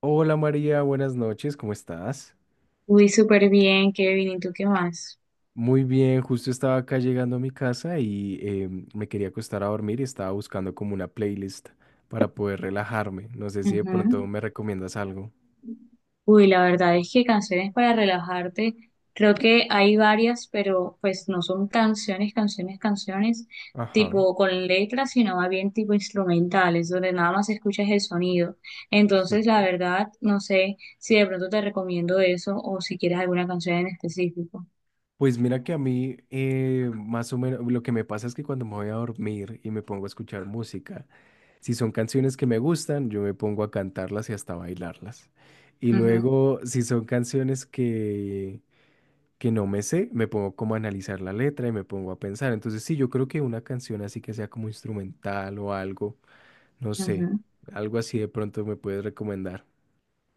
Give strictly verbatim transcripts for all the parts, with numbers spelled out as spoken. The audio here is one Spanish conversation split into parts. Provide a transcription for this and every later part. Hola María, buenas noches, ¿cómo estás? Uy, súper bien, Kevin. ¿Y tú qué más? Muy bien, justo estaba acá llegando a mi casa y em, me quería acostar a dormir y estaba buscando como una playlist para poder relajarme. No sé si de pronto Ujú. me recomiendas algo. Uy, la verdad es que canciones para relajarte, creo que hay varias, pero pues no son canciones, canciones, canciones, Ajá, tipo con letras, sino más bien tipo instrumentales, donde nada más escuchas el sonido. Entonces, la sí. verdad, no sé si de pronto te recomiendo eso o si quieres alguna canción en específico. Pues mira que a mí eh, más o menos lo que me pasa es que cuando me voy a dormir y me pongo a escuchar música, si son canciones que me gustan, yo me pongo a cantarlas y hasta bailarlas. Y Ujú, luego, si son canciones que que no me sé, me pongo como a analizar la letra y me pongo a pensar. Entonces, sí, yo creo que una canción así que sea como instrumental o algo, no sé, ujú. algo así de pronto me puedes recomendar.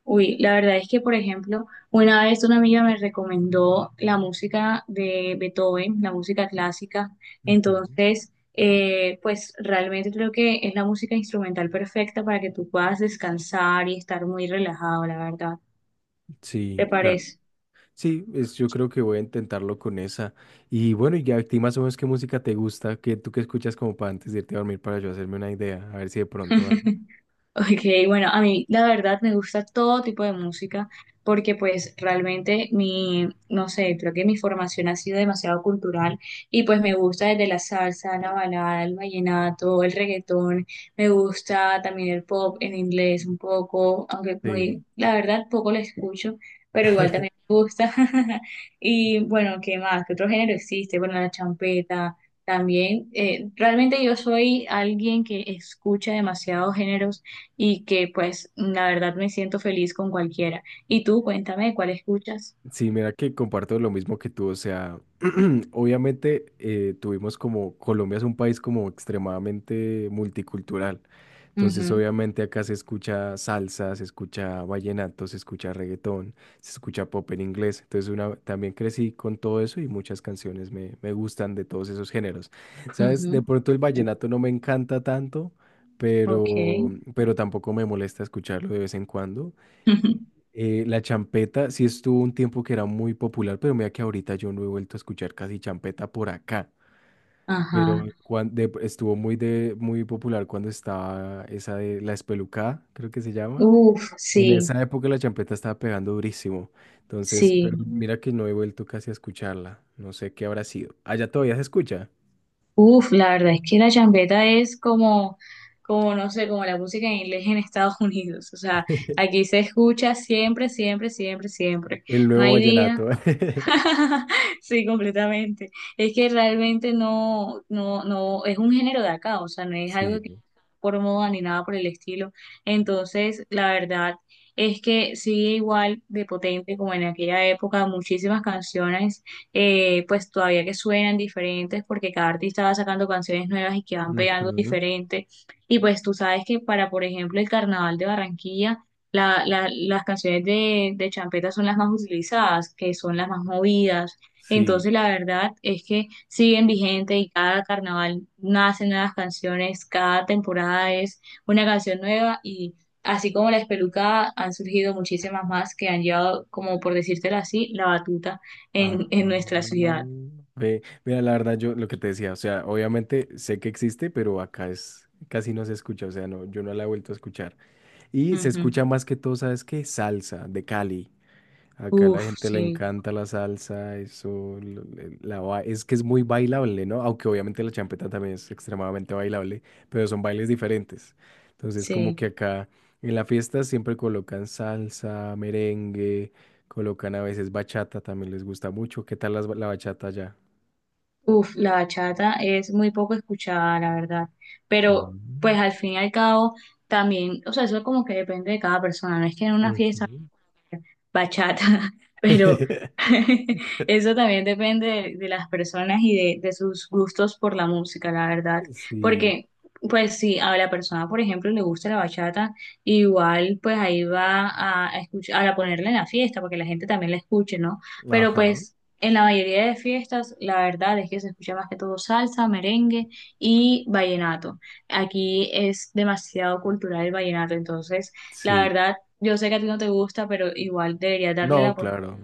Uy, la verdad es que, por ejemplo, una vez una amiga me recomendó la música de Beethoven, la música clásica. Ujú. Entonces, eh, pues realmente creo que es la música instrumental perfecta para que tú puedas descansar y estar muy relajado, la verdad. ¿Te Sí, claro. parece? Sí, es- yo creo que voy a intentarlo con esa. Y bueno, y a ti más o menos qué música te gusta, que tú que escuchas como para antes de irte a dormir para yo hacerme una idea, a ver si de pronto algo. Ok, bueno, a mí la verdad me gusta todo tipo de música porque pues realmente mi, no sé, creo que mi formación ha sido demasiado cultural y pues me gusta desde la salsa, la balada, el vallenato, el reggaetón, me gusta también el pop en inglés un poco, aunque Sí. muy, la verdad poco lo escucho, pero igual también me gusta. Y bueno, ¿qué más? ¿Qué otro género existe? Bueno, la champeta. También, eh, realmente yo soy alguien que escucha demasiados géneros y que pues la verdad me siento feliz con cualquiera. Y tú, cuéntame, ¿cuál escuchas? Sí, mira que comparto lo mismo que tú, o sea, obviamente eh, tuvimos como, Colombia es un país como extremadamente multicultural, entonces Ujú, obviamente acá se escucha salsa, se escucha vallenato, se escucha reggaetón, se escucha pop en inglés, entonces una, también crecí con todo eso y muchas canciones me, me gustan de todos esos géneros. ¿Sabes? ujú, De pronto el vallenato no me encanta tanto, pero, ok. pero tampoco me molesta escucharlo de vez en cuando. Eh, la champeta sí estuvo un tiempo que era muy popular, pero mira que ahorita yo no he vuelto a escuchar casi champeta por acá. Pero Ajá. cuan- de- estuvo muy, de, muy popular cuando estaba esa de La Espelucada, creo que se llama. Uf, sí, En esa época la champeta estaba pegando durísimo. Entonces, pero, sí. ujú, mira que no he vuelto casi a escucharla. No sé qué habrá sido. Allá todavía se escucha. Uf, la verdad es que la champeta es como, como no sé, como la música en inglés en Estados Unidos. O sea, aquí se escucha siempre, siempre, siempre, siempre. El No nuevo hay día. vallenato. Sí, completamente. Es que realmente no, no, no, es un género de acá, o sea, no es algo que Sí. por moda ni nada por el estilo. Entonces, la verdad es que sigue igual de potente como en aquella época, muchísimas canciones, eh, pues todavía que suenan diferentes porque cada artista va sacando canciones nuevas y que van pegando Ujú, diferente. Y pues tú sabes que para, por ejemplo, el Carnaval de Barranquilla, la, la- las canciones de, de champeta son las más utilizadas, que son las más movidas. sí. Entonces, la verdad es que siguen vigente y cada carnaval nacen nuevas canciones, cada temporada es una canción nueva y así como la espelucada, han surgido muchísimas más que han llevado, como por decírtelo así, la batuta Ah, en, en nuestra ciudad. ve, mira, la verdad, yo lo que te decía, o sea, obviamente sé que existe, pero acá es casi no se escucha, o sea, no, yo no la he vuelto a escuchar. Y se Ujú. escucha más que todo, ¿sabes qué? Salsa de Cali. Acá a la Uf, gente le sí, encanta la salsa, eso, lo- le- la, ba- es que es muy bailable, ¿no? Aunque obviamente la champeta también es extremadamente bailable, pero son bailes diferentes. Entonces, como que sí. acá en la fiesta siempre colocan salsa, merengue, colocan a veces bachata, también les gusta mucho. ¿Qué tal las ba- la, bachata allá? Uf, la bachata es muy poco escuchada, la verdad. Ah, Pero, pues al fin y al cabo, también, o sea, eso como que depende de cada persona. No es que en una ujú. fiesta bachata, pero eso también depende de, de las personas y de, de sus gustos por la música, la verdad. Sí, Porque, pues, si a la persona, por ejemplo, le gusta la bachata, igual, pues ahí va a, a escuchar, a ponerla en la fiesta, porque la gente también la escuche, ¿no? Pero, ajá, pues, en la mayoría de fiestas, la verdad es que se escucha más que todo salsa, merengue y vallenato. Aquí es demasiado cultural el vallenato, entonces. La sí. verdad, yo sé que a ti no te gusta, pero igual deberías darle la No, oportunidad. claro.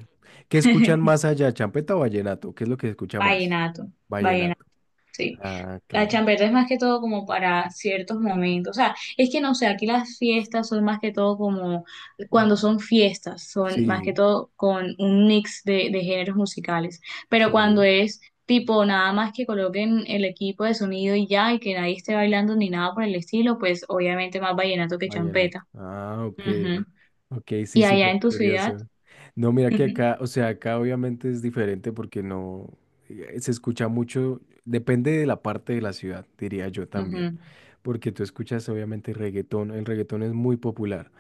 ¿Qué escuchan más allá, champeta o vallenato? ¿Qué es lo que se escucha más? Vallenato, vallenato, Vallenato. sí. Ah, La claro. champeta es más que todo como para ciertos momentos. O sea, es que no sé, aquí las fiestas son más que todo como cuando Ujú. son fiestas, son más que Sí, todo con un mix de, de géneros musicales. Pero cuando sí, es tipo nada más que coloquen el equipo de sonido y ya, y que nadie esté bailando ni nada por el estilo, pues obviamente más vallenato que vallenato. champeta. Ah, ok. Ujú. Ok, sí, Y allá súper en tu ciudad. curioso. No, mira que acá, o sea, acá obviamente es diferente porque no eh, se escucha mucho, depende de la parte de la ciudad, diría yo también. Ujú. Porque tú escuchas obviamente reggaetón, el reggaetón es muy popular.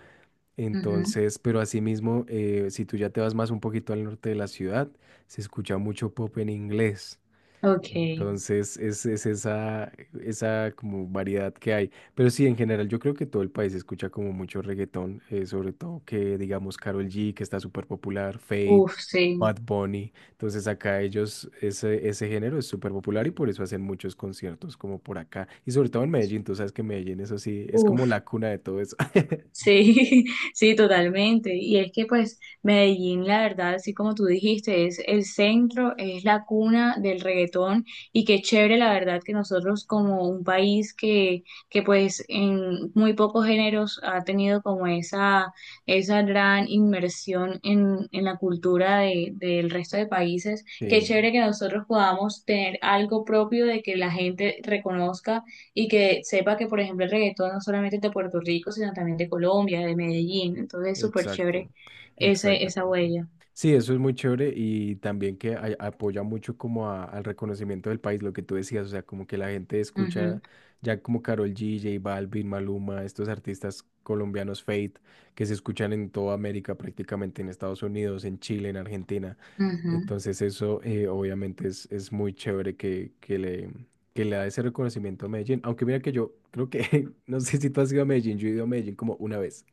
Ujú, Entonces, pero asimismo, eh, si tú ya te vas más un poquito al norte de la ciudad, se escucha mucho pop en inglés. ok, Entonces es, es esa, esa como variedad que hay. Pero sí, en general yo creo que todo el país escucha como mucho reggaetón, eh, sobre todo que digamos Karol G, que está súper popular, Fade, uf, sí, Bad Bunny. Entonces acá ellos, ese, ese género es súper popular y por eso hacen muchos conciertos como por acá. Y sobre todo en Medellín, tú sabes que Medellín, eso sí, es como uf, la cuna de todo eso. sí, sí, totalmente. Y es que pues Medellín, la verdad, así como tú dijiste, es el centro, es la cuna del reggaetón y qué chévere, la verdad, que nosotros como un país que, que pues en muy pocos géneros ha tenido como esa, esa gran inmersión en, en la cultura de, del resto de países, qué Sí. chévere que nosotros podamos tener algo propio de que la gente reconozca y que sepa que, por ejemplo, el reggaetón no solamente es de Puerto Rico, sino también de Colombia, de Medellín. Entonces, es súper Exacto, chévere ese, esa exactamente. huella. Sí, eso es muy chévere y también que ay- apoya mucho como a- al reconocimiento del país, lo que tú decías, o sea, como que la gente Ujú, escucha ya como Karol G, J Balvin, Maluma, estos artistas colombianos Fate, que se escuchan en toda América prácticamente, en Estados Unidos, en Chile, en Argentina. ujú. Entonces eso eh, obviamente es, es muy chévere que, que le, que le da ese reconocimiento a Medellín, aunque mira que yo creo que, no sé si tú has ido a Medellín, yo he ido a Medellín como una vez.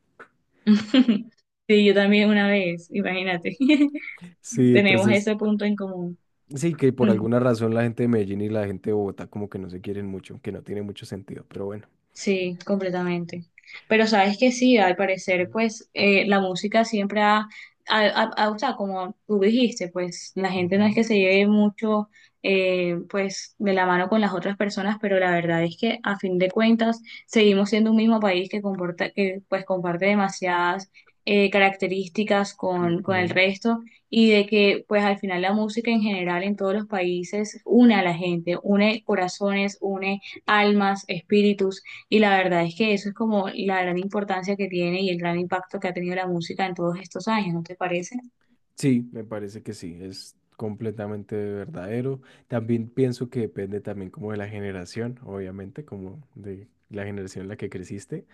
Sí, yo también una vez, imagínate. Sí, Tenemos entonces. ese punto en común. Sí, que por alguna razón la gente de Medellín y la gente de Bogotá como que no se quieren mucho, que no tiene mucho sentido, pero bueno. Sí, completamente. Pero sabes que sí, al parecer, pues eh, la música siempre ha, ha- ha- ha- o sea, como tú dijiste, pues la gente no es que Ujú. se lleve mucho, eh, pues de la mano con las otras personas, pero la verdad es que a fin de cuentas seguimos siendo un mismo país que comporta, que pues comparte demasiadas eh, características con, con el resto y de que pues al final la música en general en todos los países une a la gente, une corazones, une almas, espíritus. Y la verdad es que eso es como la gran importancia que tiene y el gran impacto que ha tenido la música en todos estos años, ¿no te parece? Sí, me parece que sí, es completamente verdadero. También pienso que depende también como de la generación, obviamente, como de la generación en la que creciste,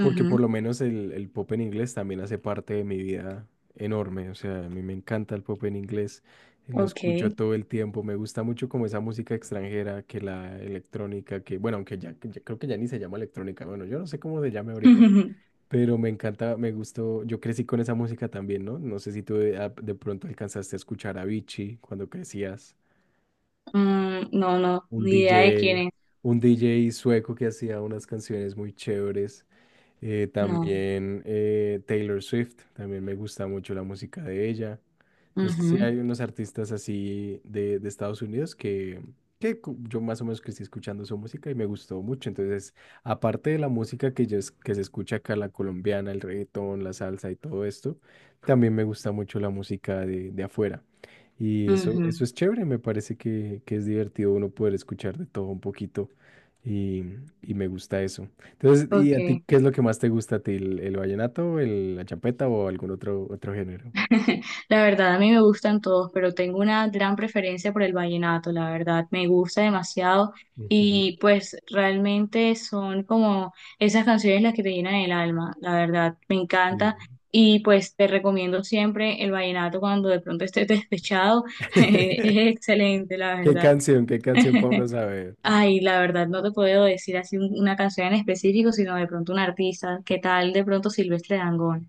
porque por lo menos el, el pop en inglés también hace parte de mi vida enorme. O sea, a mí me encanta el pop en inglés, lo Ok. escucho todo el tiempo, me gusta mucho como esa música extranjera, que la electrónica, que bueno, aunque ya, ya creo que ya ni se llama electrónica, bueno, yo no sé cómo se llame ahorita, pero me encanta, me gustó, yo crecí con esa música también, ¿no? No sé si tú de, a- de pronto alcanzaste a escuchar a Avicii cuando crecías, Mm, no, no, un ni idea de quién D J, es. un D J sueco que hacía unas canciones muy chéveres. Eh, No. También eh, Taylor Swift, también me gusta mucho la música de ella. Entonces sí hay Ujú, unos artistas así de, de Estados Unidos que, que cu- yo más o menos crecí escuchando su música y me gustó mucho. Entonces, aparte de la música que, yo, es- que se escucha acá, la colombiana, el reggaetón, la salsa y todo esto, también me gusta mucho la música de, de afuera. Y eso, eso ujú. es chévere, me parece que, que es divertido uno poder escuchar de todo un poquito y, y me gusta eso. Entonces, ¿y a ti Ok. qué es lo que más te gusta a ti? ¿El, el vallenato, el, la champeta o algún otro, otro género? La verdad, a mí me gustan todos, pero tengo una gran preferencia por el vallenato, la verdad, me gusta demasiado Ujú, y pues realmente son como esas canciones las que te llenan el alma, la verdad, me encanta sí. y pues te recomiendo siempre el vallenato cuando de pronto estés despechado, es excelente, la ¿Qué verdad. canción? ¿Qué canción Pablo sabe? Ay, la verdad, no te puedo decir así un- una canción en específico, sino de pronto un artista, ¿qué tal de pronto Silvestre Dangond?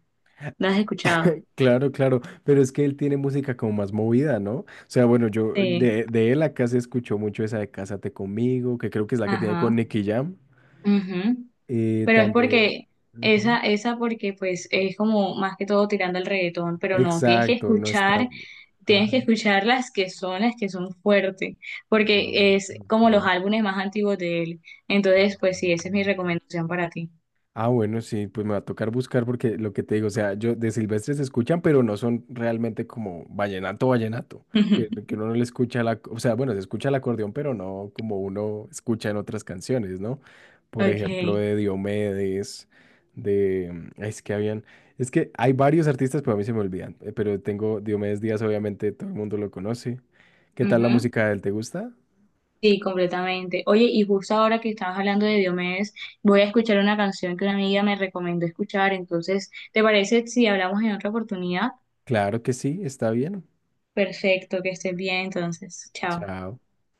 ¿La has escuchado? Claro, claro, pero es que él tiene música como más movida, ¿no? O sea, bueno, yo Sí, de, de él acá se escuchó mucho esa de Cásate conmigo, que creo que es la que tiene con ajá, Nicky Jam. ujú. Y Pero es también. porque Ujú. esa, esa porque pues es como más que todo tirando el reggaetón, pero no, tienes que Exacto, no está. escuchar, tienes Ajá. que escuchar las que son, las que son fuertes, Ah, porque es ok. como los álbumes más antiguos de él. Entonces, pues Ah, sí, esa es mi recomendación para ti. Ah, bueno, sí, pues me va a tocar buscar porque lo que te digo, o sea, yo de Silvestre se escuchan, pero no son realmente como vallenato, vallenato, que, que uno no le escucha la, o sea, bueno, se escucha el acordeón, pero no como uno escucha en otras canciones, ¿no? Por ejemplo, Okay. de Diomedes, de, mm, ay, es que habían, es que hay varios artistas, pero a mí se me olvidan, eh, pero tengo Diomedes Díaz, obviamente todo el mundo lo conoce. ¿Qué tal la Ujú. música de él? ¿Te gusta? Sí, completamente. Oye, y justo ahora que estabas hablando de Diomedes, voy a escuchar una canción que una amiga me recomendó escuchar. Entonces, ¿te parece si hablamos en otra oportunidad? Claro que sí, está bien. Perfecto, que estés bien entonces. Chao. Chao.